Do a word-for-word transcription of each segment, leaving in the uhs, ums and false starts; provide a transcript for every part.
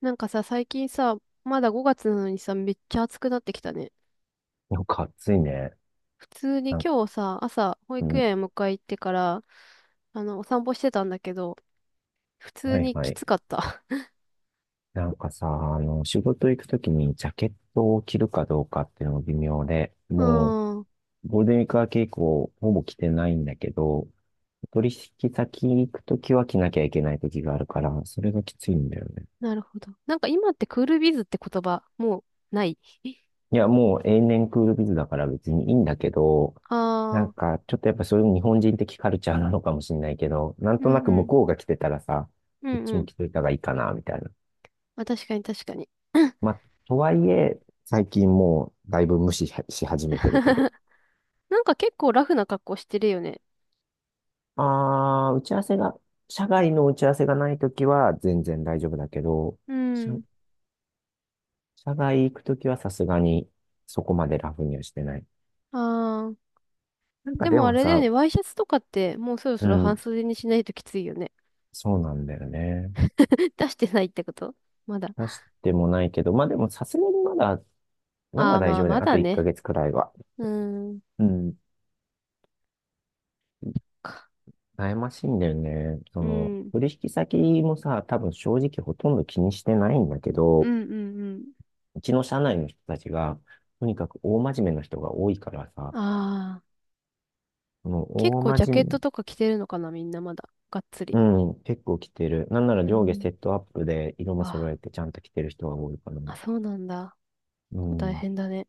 なんかさ、最近さ、まだごがつなのにさ、めっちゃ暑くなってきたね。なんか暑いね。普通になん、今日さ、朝、保う育ん、園迎え行ってから、あの、お散歩してたんだけど、普通はいにはきい。つかった。なんかさ、あの、仕事行くときにジャケットを着るかどうかっていうのも微妙で、うもう、ーん、ゴールデンウィーク明け以降、ほぼ着てないんだけど、取引先行くときは着なきゃいけないときがあるから、それがきついんだよね。なるほど。なんか今ってクールビズって言葉、もうない。いや、もう永年クールビズだから別にいいんだけど、あなんあ、か、ちょっとやっぱそういう日本人的カルチャーなのかもしれないけど、なんうとなんくう向ん、こうが着てたらさ、うこっんうちもん。着といた方がいいかな、みたいな。あ、確かに確かに。まあ、とはいえ、最近もうだいぶ無視し始めてるけど、なんか結構ラフな格好してるよね。あー、打ち合わせが、社外の打ち合わせがないときは全然大丈夫だけど、う社、ん。社外行くときはさすがにそこまでラフにはしてない。あなんあ、かででもあもれだよさ、ね、ワイシャツとかってもうそろうそろ半ん、袖にしないときついよね。そうなんだよね。出してないってことまだ。出してもないけど、まあでもさすがにまだ、まあだあ、大まあ、丈夫だまよ。あとだ1ね。ヶ月くらいは。うーん。うん、か悩ましいんだよね。そうの、ん。取引先もさ、多分正直ほとんど気にしてないんだけうど、んうんううちの社内の人たちが、とにかく大真面目な人が多いからん。さ、ああ、この結大構ジャ真ケット面とか着てるのかな、みんなまだ。がっつり。目、うん、結構来てる。なんならう上下ん。セットアップで色も揃わえてちゃんと着てる人が多いかな。あ、あ、そうなんだ。うこう大ん、変だね。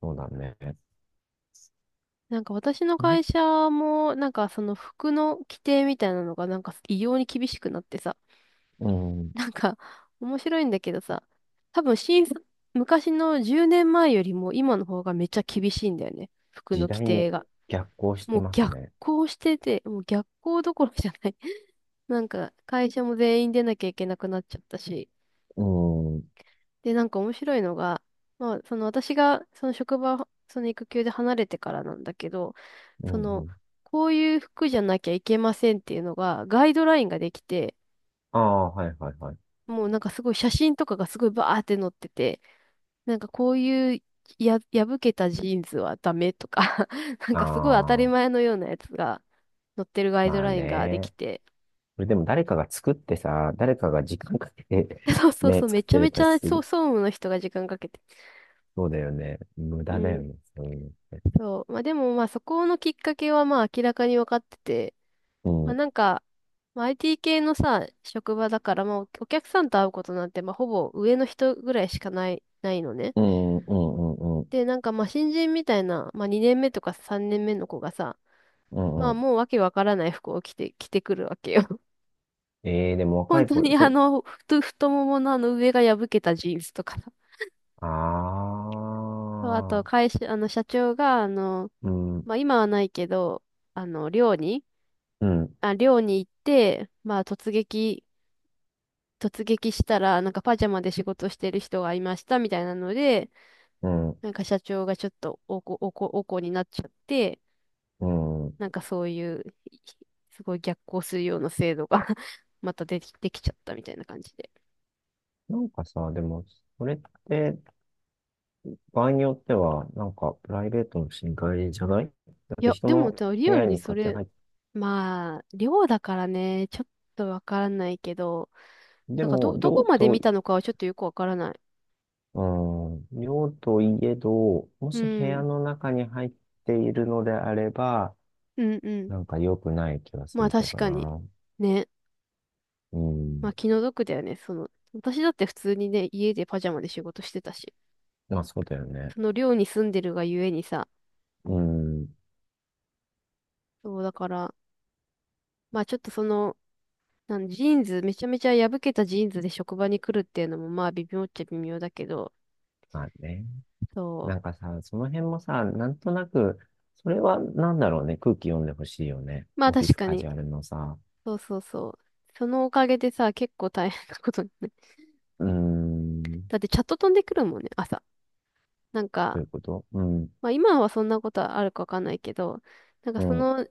そうだね。なんか私のなん会社も、なんかその服の規定みたいなのが、なんか異様に厳しくなってさ。うん、なんか、面白いんだけどさ。多分新卒、昔のじゅうねんまえよりも今の方がめっちゃ厳しいんだよね。服時の規代に定が。逆行してもうます逆ね。行してて、もう逆行どころじゃない。なんか、会社も全員出なきゃいけなくなっちゃったし。うん、うん、で、なんか面白いのが、まあ、その私が、その職場、その育休で離れてからなんだけど、うその、ん。こういう服じゃなきゃいけませんっていうのが、ガイドラインができて、ああ、はいはいはい。もうなんかすごい写真とかがすごいバーって載ってて、なんかこういうや、破けたジーンズはダメとか なんかすごい当たりああ、前のようなやつが載ってるガイドまあラインができね。て、これでも誰かが作ってさ、誰かが時間かけて そう そうね、そう、め作っちゃてるめかちらゃ、すそう、ぐ、総務の人が時間かけて。そうだよね。無う駄だよん。ね。そういうのって。そう。まあでも、まあそこのきっかけはまあ明らかに分かってて、うまあんなんか、まあ、アイティー 系のさ、職場だから、まあおお客さんと会うことなんて、まあほぼ上の人ぐらいしかない、ないのね。うん、うん、うん、うん、で、なんかまあ新人みたいな、まあにねんめとかさんねんめの子がさ、うまあん。もうわけわからない服を着て、着てくるわけよ。ええー、でも若本い当子、にあその、太、太もものあの上が破けたジーンズとかさ。う。そうああと、あ、会社、あの、社長が、あの、うん、うん、まあ今はないけど、あの、寮に、あ、寮に行って、まあ突撃、突撃したら、なんかパジャマで仕事してる人がいましたみたいなので、うん、なんか社長がちょっとおこ、おこ、おこになっちゃって、うん。なんかそういう、いすごい逆行するような制度が またでき、できちゃったみたいな感じで。なんかさ、でも、それって、場合によっては、なんか、プライベートの侵害じゃないだいってや、人でものさ、リ部アル屋ににそ勝手にれ、入って、まあ、寮だからね、ちょっとわからないけど、でなんかも、ど、ど寮こまでと、見たのかはちょっとよくわからない。うん、寮といえど、もうし部屋ん、の中に入っているのであれば、うん、うん。なんか良くない気がすまあるけ確どかに。な。ね。うまあん。気の毒だよね。その、私だって普通にね、家でパジャマで仕事してたし。まあ、そうだよね。その寮に住んでるがゆえにさ、うん。そうだから、まあちょっとその、なんジーンズ、めちゃめちゃ破けたジーンズで職場に来るっていうのもまあ微妙っちゃ微妙だけど、まあね。そなんかさ、その辺もさ、なんとなく、それはなんだろうね。空気読んでほしいよね。う。まあオフィ確スかカに。ジュアルのさ、そうそうそう。そのおかげでさ、結構大変なことにね。うーん、どだってチャット飛んでくるもんね、朝。なんういか、うことうん、まあ今はそんなことあるかわかんないけど、なんかうそん、の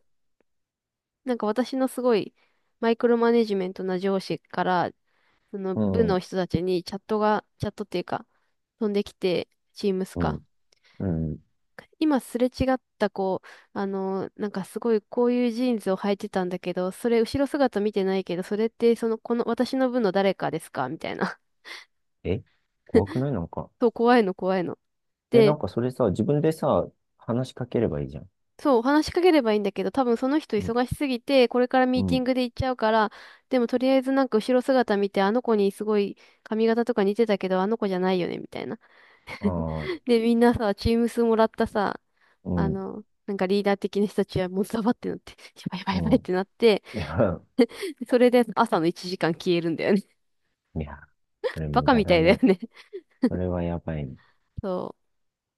なんか私のすごいマイクロマネジメントな上司から、そのう部のん、人たちにチャットが、チャットっていうか、飛んできて、チームスうん、か。うん。今すれ違った子、あの、なんかすごいこういうジーンズを履いてたんだけど、それ後ろ姿見てないけど、それってその、この私の部の誰かですかみたいな。え怖くないなんか。そう、怖いの怖いの。え、なでんかそれさ、自分でさ、話しかければいいじゃん。そう、話しかければいいんだけど、多分その人うん、忙しすぎて、これからうミーティん、ングで行っちゃうから、でもとりあえずなんか後ろ姿見て、あの子にすごい髪型とか似てたけど、あの子じゃないよね、みたいな。ああ、で、みんなさ、チーム数もらったさ、うあん、の、なんかリーダー的な人たちはもうザバってなって、やばいやばいやばいうっん。てなって、いや、それで朝のいちじかん消えるんだよね。いやそ れバ無カ駄みただいだよね。ね。それはやばいね。そう。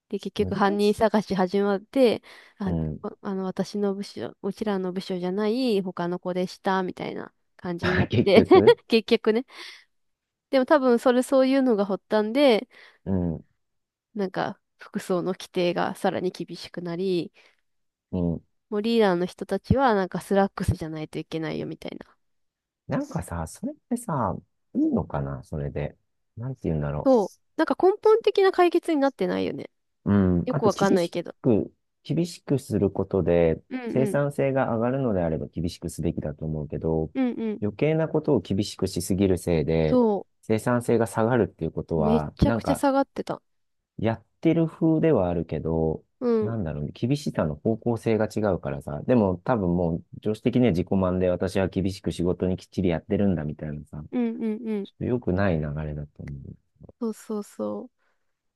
で、結難局犯人しい。探し始まって、うあ、ん。こあの、私の部署、うちらの部署じゃない他の子でした、みたいな感じにな っ結て、局、結局ね。でも多分それそういうのが発端で、うん、なんか服装の規定がさらに厳しくなり、うん。もうリーダーの人たちはなんかスラックスじゃないといけないよ、みたいな。なんかさ、それってさ、いいのかなそれで。なんて言うんだろそう。なんか根本的な解決になってないよね。う。うん。よあくと、わかん厳ないしけど。く、厳しくすることで、うんう生ん。産性が上がるのであれば厳しくすべきだと思うけど、うんうん。余計なことを厳しくしすぎるせいで、そ生産性が下がるっていうことう。めっは、ちゃなくんちゃか、下がってた。やってる風ではあるけど、うん。なんだろうね、厳しさの方向性が違うからさ、でも多分もう、常識的には自己満で私は厳しく仕事にきっちりやってるんだみたいなさ、うんうんうん。ちょっと良くない流れだと思そうそうそう。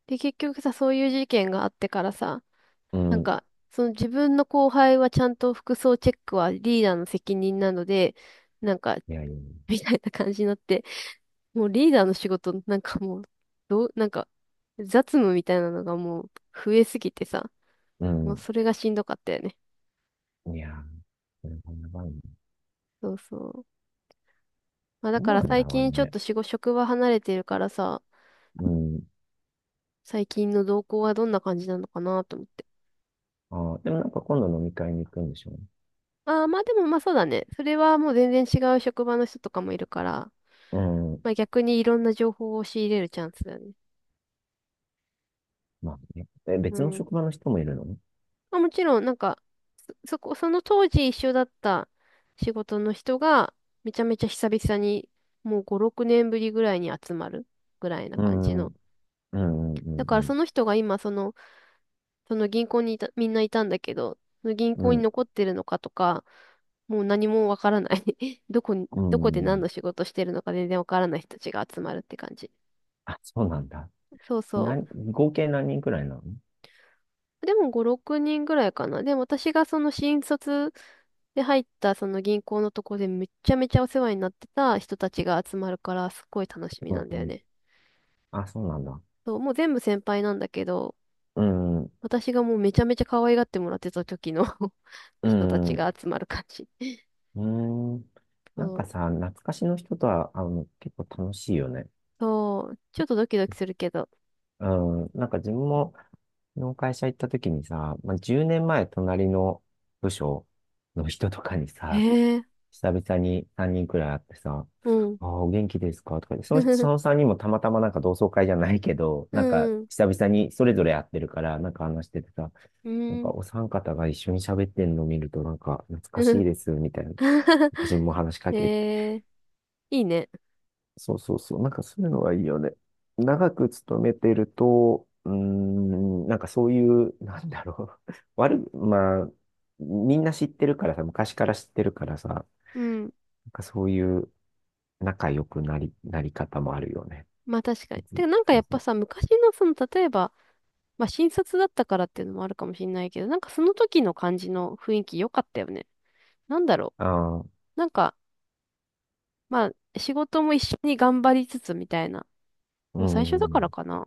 で、結局さ、そういう事件があってからさ、う。うなんん。か、その自分の後輩はちゃんと服装チェックはリーダーの責任なので、なんか、いやいや。みたいな感じになって、もうリーダーの仕事、なんかもう、どう、なんか、雑務みたいなのがもう増えすぎてさ、うもうん。それがしんどかったよね。いや、これがやばいね。そうそう。まあだどかうらなんだ最ろう近ちょっね。と仕事、職場離れてるからさ、うん。最近の動向はどんな感じなのかなと思って。ああ、でもなんか今度飲み会に行くんでしょうねああ、まあでもまあそうだね。それはもう全然違う職場の人とかもいるから、うん。まあ逆にいろんな情報を仕入れるチャンスだよね。まあね。え、う別のん。職場の人もいるのね。まあもちろん、なんか、そ、そこ、その当時一緒だった仕事の人が、めちゃめちゃ久々に、もうご、ろくねんぶりぐらいに集まるぐらいなう感じん。うの。んうんだかうらんその人が今、その、その銀行にいた、みんないたんだけど、その銀う行にん。残ってるのかとか、もう何もわからない どこに、うん。どこうで何ん。の仕事してるのか全然わからない人たちが集まるって感じ。あ、そうなんだ。そうな、そう。合計何人くらいなのでもご、ろくにんぐらいかな。でも私がその新卒で入ったその銀行のとこでめっちゃめちゃお世話になってた人たちが集まるからすっごい楽しみうなんだよん。ね。あ、そうなんだ。そう、もう全部先輩なんだけど、うん。私がもうめちゃめちゃ可愛がってもらってた時の う人たちん。が集まる感じ。うん。なんそかう、さ、懐かしの人とは会うの結構楽しいよね。そう、ちょっとドキドキするけど。うん。なんか自分もの会社行った時にさ、まあ、じゅうねんまえ隣の部署の人とかにへさ、え、久々にさんにんくらい会ってさ、うん。ああ、お元気ですかとかで、その人、その さんにんもたまたまなんか同窓会じゃないけど、うなんかん、久々にそれぞれ会ってるから、なんか話しててさ、うなんかん、お三方が一緒に喋ってんのを見ると、なんか懐 かうしいん。です、みたいな。昔も 話しかけてへえ、いいね。そうそうそう。なんかそういうのがいいよね。長く勤めてると、うーん、なんかそういう、なんだろう。悪い、まあ、みんな知ってるからさ、昔から知ってるからさ、なうん。んかそういう仲良くなり、なり方もあるよね。まあ確かに。別てに。かなんかそやうっそぱう。さ、昔のその、例えば、まあ新卒だったからっていうのもあるかもしれないけど、なんかその時の感じの雰囲気良かったよね。なんだろああ、うう。なんか、まあ仕事も一緒に頑張りつつみたいな。ーもう最初だからん。かな。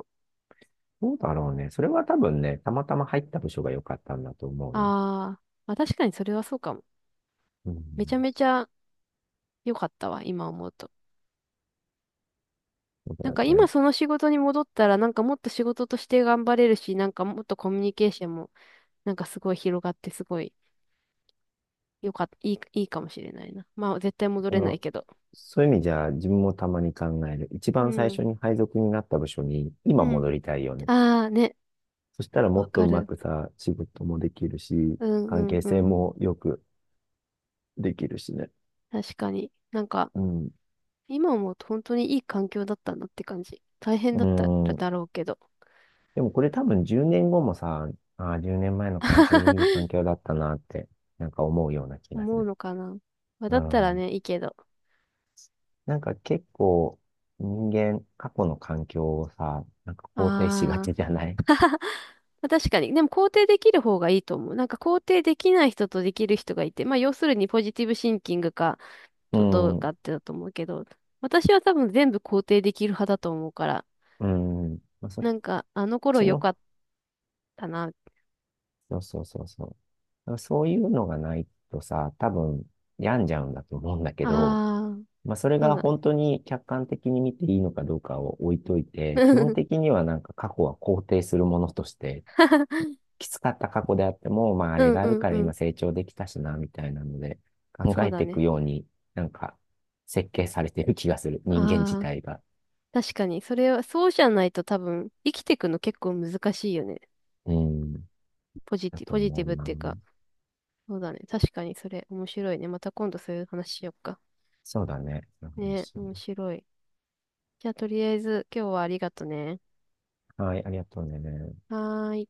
どうだろうね。それは多分ね、たまたま入った部署が良かったんだと思うよ。あー、まあ確かにそれはそうかも。うめちん。ゃめちゃ良かったわ、今思うと。そうだなんよか今ね。その仕事に戻ったら、なんかもっと仕事として頑張れるし、なんかもっとコミュニケーションもなんかすごい広がってすごい良かった、いい、いいかもしれないな。まあ絶対戻あれないの、けど。そういう意味じゃ、自分もたまに考える。一う番最ん。初に配属になった部署に今うん。戻りたいよね。ああね、そしたらもわっとかうまる。くさ、仕事もできるし、うんう関ん係う性ん。もよくできるしね。確かに。なんか、うん。今思うと本当にいい環境だったなって感じ。大変だうったらん。だろうけど。でもこれ多分じゅうねんごもさ、ああ、じゅうねんまえの環境いい環境 だったなって、なんか思うような気がす思うる。のかな。まあ、だうったらん。ね、いいけど。なんか結構人間、過去の環境をさ、なんか肯定しがあちじゃあ。ない まあ、確かに。でも肯定できる方がいいと思う。なんか肯定できない人とできる人がいて、まあ要するにポジティブシンキングか うど、どうかっん。てだと思うけど、私は多分全部肯定できる派だと思うから、うん。まあ、そっなんかあの頃ち良のかったな。あそうそうそうそう。だからそういうのがないとさ、多分病んじゃうんだと思うんだけど、あ。まあ、それそうがだ本当に客観的に見ていいのかどうかを置いといて、基う本ん 的にはなんか過去は肯定するものとして、きつかった過去であっても、まあ、あうれんがうあるんからうん。今成長できたしな、みたいなので、考そうえだていね。くように、なんか、設計されてる気がする。人間自ああ、体が。確かに。それは、そうじゃないと多分、生きていくの結構難しいよね。うん、ポジだティ、とポジテ思ィうブっな。ていうか。そうだね。確かにそれ、面白いね。また今度そういう話しよっか。そうだね。そのね、話面白い。じゃあ、とりあえず、今日はありがとね。はい、ありがとうね。はーい。